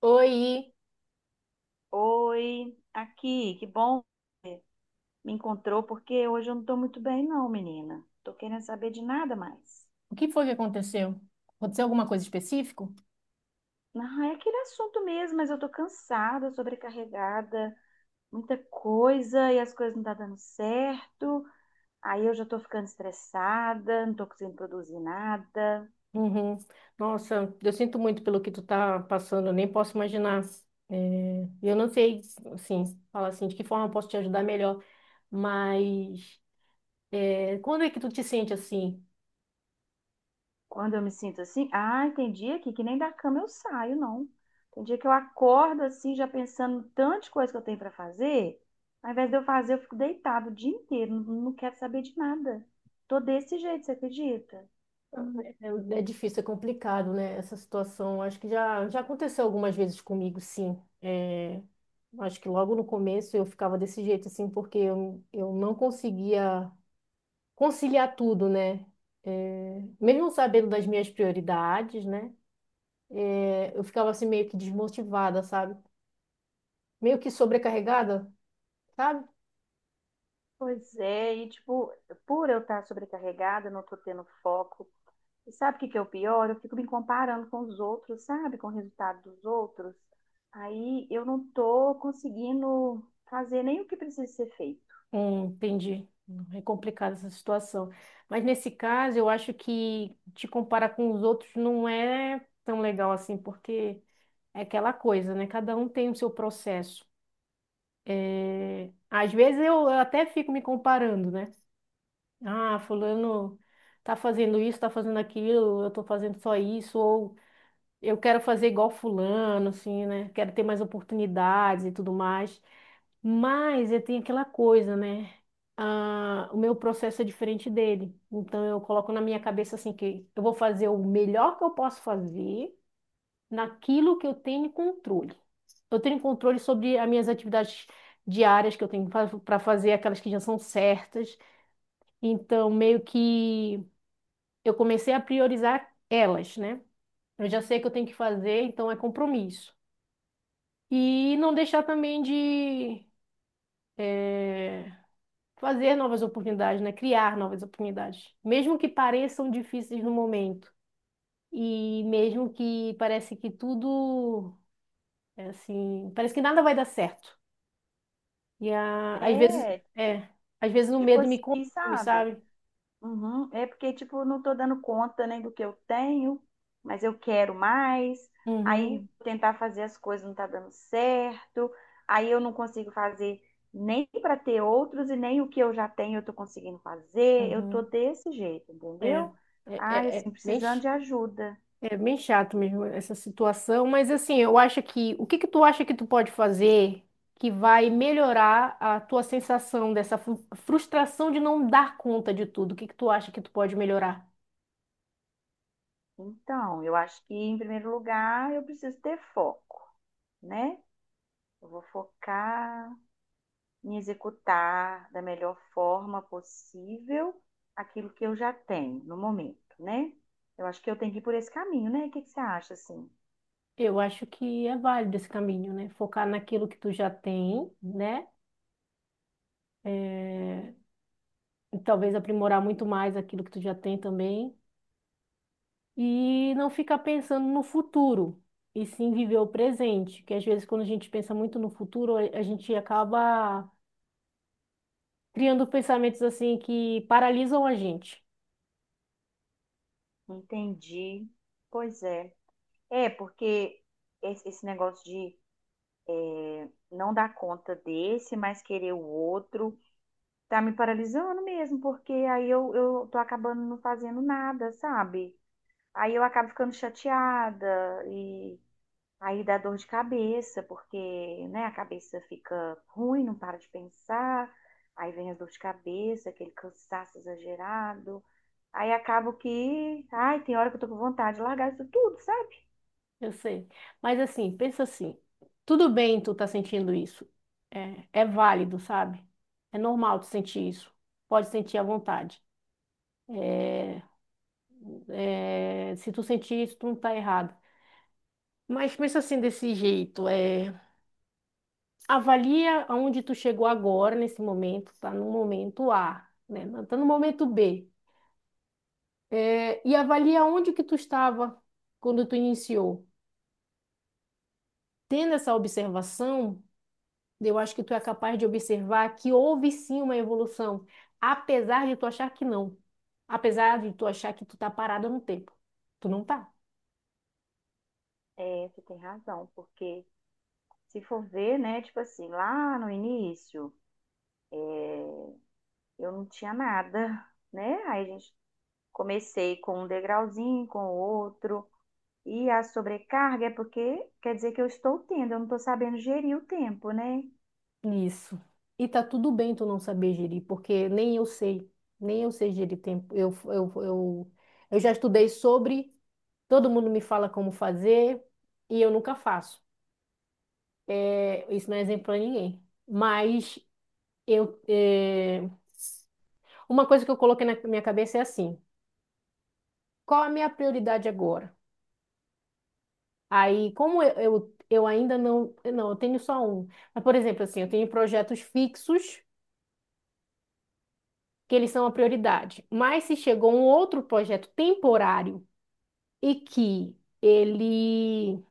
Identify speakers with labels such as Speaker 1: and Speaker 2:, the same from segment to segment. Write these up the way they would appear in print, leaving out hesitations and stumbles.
Speaker 1: Oi,
Speaker 2: Oi, aqui, que bom me encontrou, porque hoje eu não tô muito bem, não, menina. Tô querendo saber de nada mais.
Speaker 1: o que foi que aconteceu? Aconteceu alguma coisa específica?
Speaker 2: Ah, é aquele assunto mesmo, mas eu tô cansada, sobrecarregada, muita coisa e as coisas não tá dando certo. Aí eu já tô ficando estressada, não tô conseguindo produzir nada.
Speaker 1: Uhum. Nossa, eu sinto muito pelo que tu tá passando, eu nem posso imaginar. É, eu não sei, assim, falar assim, de que forma eu posso te ajudar melhor, mas é, quando é que tu te sente assim?
Speaker 2: Quando eu me sinto assim, ai, tem dia que nem da cama eu saio, não. Tem dia que eu acordo assim, já pensando em tanta coisa que eu tenho para fazer, ao invés de eu fazer, eu fico deitado o dia inteiro, não, não quero saber de nada. Tô desse jeito, você acredita?
Speaker 1: É, é difícil, é complicado, né, essa situação. Acho que já aconteceu algumas vezes comigo, sim. É, acho que logo no começo eu ficava desse jeito, assim, porque eu não conseguia conciliar tudo, né? É, mesmo sabendo das minhas prioridades, né? É, eu ficava assim meio que desmotivada, sabe? Meio que sobrecarregada, sabe?
Speaker 2: Pois é, e tipo, por eu estar sobrecarregada, não tô tendo foco. E sabe o que que é o pior? Eu fico me comparando com os outros, sabe? Com o resultado dos outros. Aí eu não tô conseguindo fazer nem o que precisa ser feito.
Speaker 1: Entendi. É complicada essa situação. Mas nesse caso, eu acho que te comparar com os outros não é tão legal assim, porque é aquela coisa, né? Cada um tem o seu processo. Às vezes eu até fico me comparando, né? Ah, fulano tá fazendo isso, tá fazendo aquilo, eu tô fazendo só isso, ou eu quero fazer igual fulano, assim, né? Quero ter mais oportunidades e tudo mais. Mas eu tenho aquela coisa, né? Ah, o meu processo é diferente dele. Então eu coloco na minha cabeça assim que eu vou fazer o melhor que eu posso fazer naquilo que eu tenho controle. Eu tenho controle sobre as minhas atividades diárias que eu tenho para fazer, aquelas que já são certas. Então meio que eu comecei a priorizar elas, né? Eu já sei que eu tenho que fazer, então é compromisso. E não deixar também de fazer novas oportunidades, né? Criar novas oportunidades, mesmo que pareçam difíceis no momento. E mesmo que parece que tudo é assim, parece que nada vai dar certo. Às vezes,
Speaker 2: É.
Speaker 1: é, às vezes o
Speaker 2: Tipo
Speaker 1: medo me
Speaker 2: assim,
Speaker 1: consome,
Speaker 2: sabe?
Speaker 1: sabe?
Speaker 2: Uhum. É porque, tipo, eu não tô dando conta nem do que eu tenho, mas eu quero mais.
Speaker 1: Uhum,
Speaker 2: Aí tentar fazer as coisas não tá dando certo. Aí eu não consigo fazer nem para ter outros e nem o que eu já tenho eu tô conseguindo fazer. Eu tô
Speaker 1: uhum,
Speaker 2: desse jeito,
Speaker 1: é,
Speaker 2: entendeu? Ai, assim,
Speaker 1: é,
Speaker 2: precisando
Speaker 1: mexe.
Speaker 2: de ajuda.
Speaker 1: É bem chato mesmo essa situação, mas assim, eu acho que o que que tu acha que tu pode fazer que vai melhorar a tua sensação dessa frustração de não dar conta de tudo? O que que tu acha que tu pode melhorar?
Speaker 2: Então, eu acho que em primeiro lugar eu preciso ter foco, né? Eu vou focar em executar da melhor forma possível aquilo que eu já tenho no momento, né? Eu acho que eu tenho que ir por esse caminho, né? O que que você acha, assim?
Speaker 1: Eu acho que é válido esse caminho, né? Focar naquilo que tu já tem, né? É, e talvez aprimorar muito mais aquilo que tu já tem também e não ficar pensando no futuro e sim viver o presente, que às vezes quando a gente pensa muito no futuro, a gente acaba criando pensamentos assim que paralisam a gente.
Speaker 2: Entendi. Pois é. É, porque esse negócio de não dar conta desse, mas querer o outro, tá me paralisando mesmo, porque aí eu tô acabando não fazendo nada, sabe? Aí eu acabo ficando chateada e aí dá dor de cabeça, porque, né, a cabeça fica ruim, não para de pensar. Aí vem as dor de cabeça, aquele cansaço exagerado. Aí acabo que, ai, tem hora que eu tô com vontade de largar isso tudo, sabe?
Speaker 1: Eu sei. Mas assim, pensa assim, tudo bem tu tá sentindo isso. É válido, sabe? É normal tu sentir isso. Pode sentir à vontade. É, se tu sentir isso, tu não tá errado. Mas pensa assim desse jeito, é, avalia aonde tu chegou agora, nesse momento, tá no momento A, né? Não tá no momento B. É, e avalia onde que tu estava quando tu iniciou. Tendo essa observação, eu acho que tu é capaz de observar que houve sim uma evolução, apesar de tu achar que não. Apesar de tu achar que tu tá parada no tempo. Tu não tá.
Speaker 2: É, você tem razão, porque se for ver, né, tipo assim, lá no início, eu não tinha nada, né? Aí a gente comecei com um degrauzinho, com outro. E a sobrecarga é porque quer dizer que eu estou tendo, eu não estou sabendo gerir o tempo, né?
Speaker 1: Isso. E tá tudo bem tu não saber gerir, porque nem eu sei, nem eu sei gerir tempo. Eu já estudei sobre, todo mundo me fala como fazer e eu nunca faço. É, isso não é exemplo para ninguém. Mas eu, é, uma coisa que eu coloquei na minha cabeça é assim: qual a minha prioridade agora? Aí, como eu ainda não, eu tenho só um. Mas, por exemplo, assim, eu tenho projetos fixos que eles são a prioridade. Mas se chegou um outro projeto temporário e que ele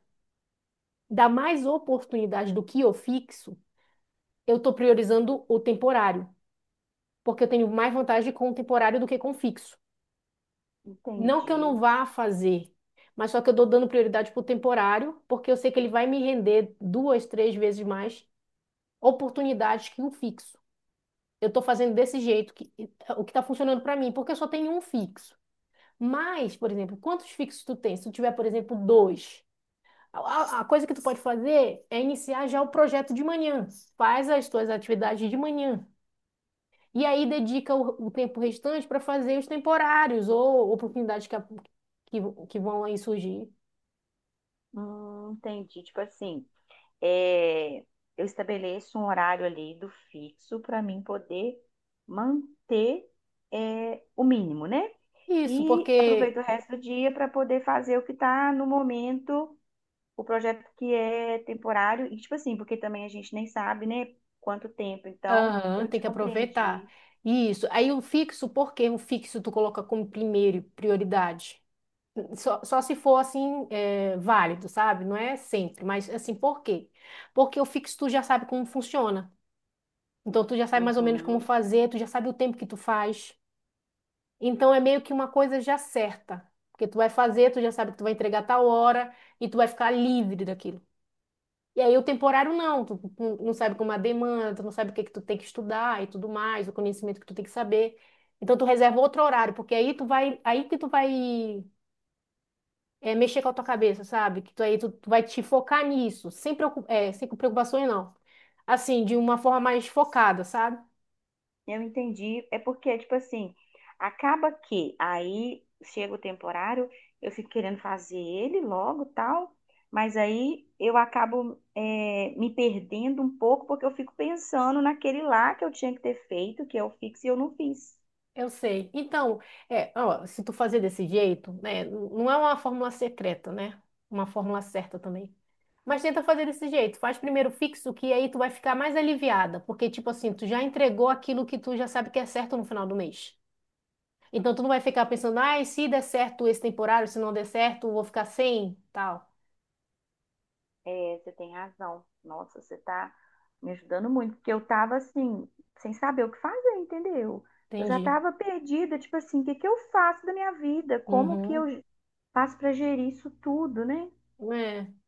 Speaker 1: dá mais oportunidade do que o fixo, eu estou priorizando o temporário, porque eu tenho mais vantagem com o temporário do que com o fixo. Não que eu não
Speaker 2: Entendi.
Speaker 1: vá fazer, mas só que eu estou dando prioridade para o temporário, porque eu sei que ele vai me render duas, três vezes mais oportunidades que o fixo. Eu estou fazendo desse jeito, que, o que está funcionando para mim, porque eu só tenho um fixo. Mas, por exemplo, quantos fixos tu tem? Se tu tiver, por exemplo, dois. A coisa que tu pode fazer é iniciar já o projeto de manhã. Faz as tuas atividades de manhã. E aí dedica o tempo restante para fazer os temporários ou oportunidades que, que vão aí surgir.
Speaker 2: Entendi. Tipo assim, é, eu estabeleço um horário ali do fixo para mim poder manter o mínimo, né?
Speaker 1: Isso,
Speaker 2: E
Speaker 1: porque
Speaker 2: aproveito o resto do dia para poder fazer o que está no momento, o projeto que é temporário. E tipo assim, porque também a gente nem sabe, né, quanto tempo. Então,
Speaker 1: aham,
Speaker 2: eu
Speaker 1: tem
Speaker 2: te
Speaker 1: que aproveitar.
Speaker 2: compreendi.
Speaker 1: Isso. Aí o fixo, por que o fixo tu coloca como primeiro prioridade? Só se for assim, é, válido, sabe? Não é sempre, mas assim, por quê? Porque o fixo tu já sabe como funciona. Então tu já sabe mais ou menos como
Speaker 2: Uhum.
Speaker 1: fazer, tu já sabe o tempo que tu faz. Então é meio que uma coisa já certa, porque tu vai fazer, tu já sabe que tu vai entregar tal hora e tu vai ficar livre daquilo. E aí o temporário não, tu não sabe como é a demanda, tu não sabe o que é que tu tem que estudar e tudo mais, o conhecimento que tu tem que saber. Então tu reserva outro horário, porque aí tu vai, aí que tu vai é, mexer com a tua cabeça, sabe? Que tu aí tu vai te focar nisso, sem preocu- é, sem preocupações não. Assim, de uma forma mais focada, sabe?
Speaker 2: Eu entendi. É porque, tipo assim, acaba que aí chega o temporário, eu fico querendo fazer ele logo, tal, mas aí eu acabo me perdendo um pouco porque eu fico pensando naquele lá que eu tinha que ter feito, que eu fiz e eu não fiz.
Speaker 1: Eu sei. Então, é, ó, se tu fazer desse jeito, né, não é uma fórmula secreta, né? Uma fórmula certa também. Mas tenta fazer desse jeito. Faz primeiro fixo, que aí tu vai ficar mais aliviada, porque tipo assim, tu já entregou aquilo que tu já sabe que é certo no final do mês. Então tu não vai ficar pensando, ai, se der certo esse temporário, se não der certo, eu vou ficar sem, tal.
Speaker 2: É, você tem razão. Nossa, você tá me ajudando muito, porque eu tava assim, sem saber o que fazer, entendeu? Eu já
Speaker 1: Entendi.
Speaker 2: tava perdida, tipo assim, o que que eu faço da minha vida? Como que
Speaker 1: Uhum.
Speaker 2: eu faço pra gerir isso tudo, né?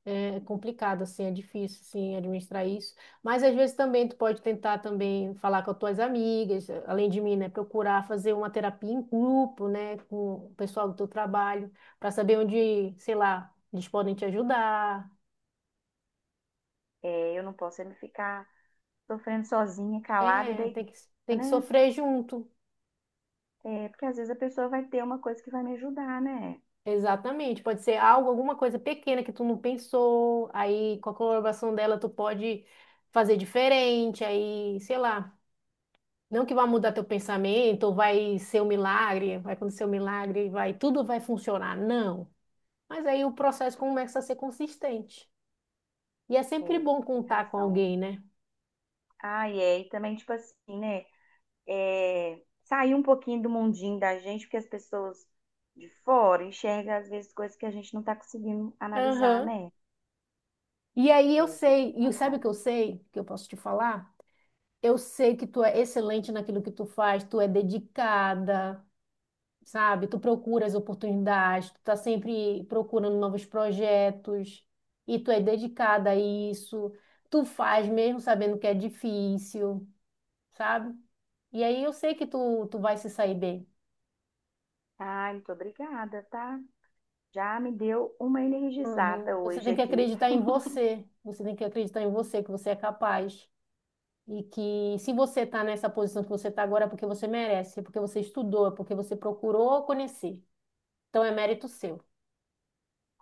Speaker 1: É, é complicado, assim, é difícil, assim, administrar isso. Mas às vezes também tu pode tentar também falar com as tuas amigas, além de mim, né? Procurar fazer uma terapia em grupo, né? Com o pessoal do teu trabalho, para saber onde, sei lá, eles podem te ajudar.
Speaker 2: É, eu não posso é ficar sofrendo sozinha, calada e
Speaker 1: É, tem
Speaker 2: deitada,
Speaker 1: que
Speaker 2: né?
Speaker 1: sofrer junto.
Speaker 2: É, porque às vezes a pessoa vai ter uma coisa que vai me ajudar, né?
Speaker 1: Exatamente. Pode ser algo, alguma coisa pequena que tu não pensou, aí com a colaboração dela tu pode fazer diferente, aí, sei lá. Não que vai mudar teu pensamento, ou vai ser um milagre, vai acontecer um milagre, vai, tudo vai funcionar. Não. Mas aí o processo começa a ser consistente. E é sempre
Speaker 2: É,
Speaker 1: bom
Speaker 2: tem
Speaker 1: contar com
Speaker 2: razão.
Speaker 1: alguém, né?
Speaker 2: Ah, e é, e também, tipo assim, né? É, sair um pouquinho do mundinho da gente, porque as pessoas de fora enxergam, às vezes, coisas que a gente não tá conseguindo analisar,
Speaker 1: Aham.
Speaker 2: né?
Speaker 1: E aí
Speaker 2: É,
Speaker 1: eu
Speaker 2: você tem
Speaker 1: sei, e sabe o
Speaker 2: razão.
Speaker 1: que eu sei, que eu posso te falar? Eu sei que tu é excelente naquilo que tu faz, tu é dedicada, sabe? Tu procura as oportunidades, tu tá sempre procurando novos projetos, e tu é dedicada a isso. Tu faz mesmo sabendo que é difícil, sabe? E aí eu sei que tu vai se sair bem.
Speaker 2: Ai, muito obrigada, tá? Já me deu uma energizada
Speaker 1: Uhum. Você
Speaker 2: hoje
Speaker 1: tem que
Speaker 2: aqui.
Speaker 1: acreditar em você. Você tem que acreditar em você, que você é capaz. E que se você está nessa posição que você está agora, é porque você merece, é porque você estudou, é porque você procurou conhecer. Então é mérito seu.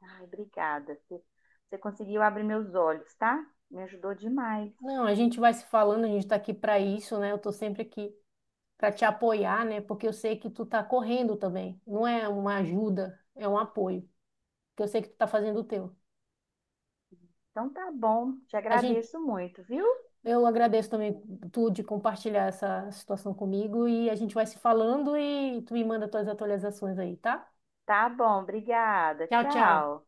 Speaker 2: Ai, obrigada. Você conseguiu abrir meus olhos, tá? Me ajudou demais.
Speaker 1: Não, a gente vai se falando, a gente está aqui para isso, né? Eu estou sempre aqui para te apoiar, né? Porque eu sei que tu está correndo também. Não é uma ajuda, é um apoio. Porque eu sei que tu está fazendo o teu.
Speaker 2: Então tá bom, te
Speaker 1: A gente
Speaker 2: agradeço muito, viu?
Speaker 1: Eu agradeço também tu de compartilhar essa situação comigo e a gente vai se falando e tu me manda tuas atualizações aí, tá?
Speaker 2: Tá bom, obrigada.
Speaker 1: Tchau, tchau.
Speaker 2: Tchau.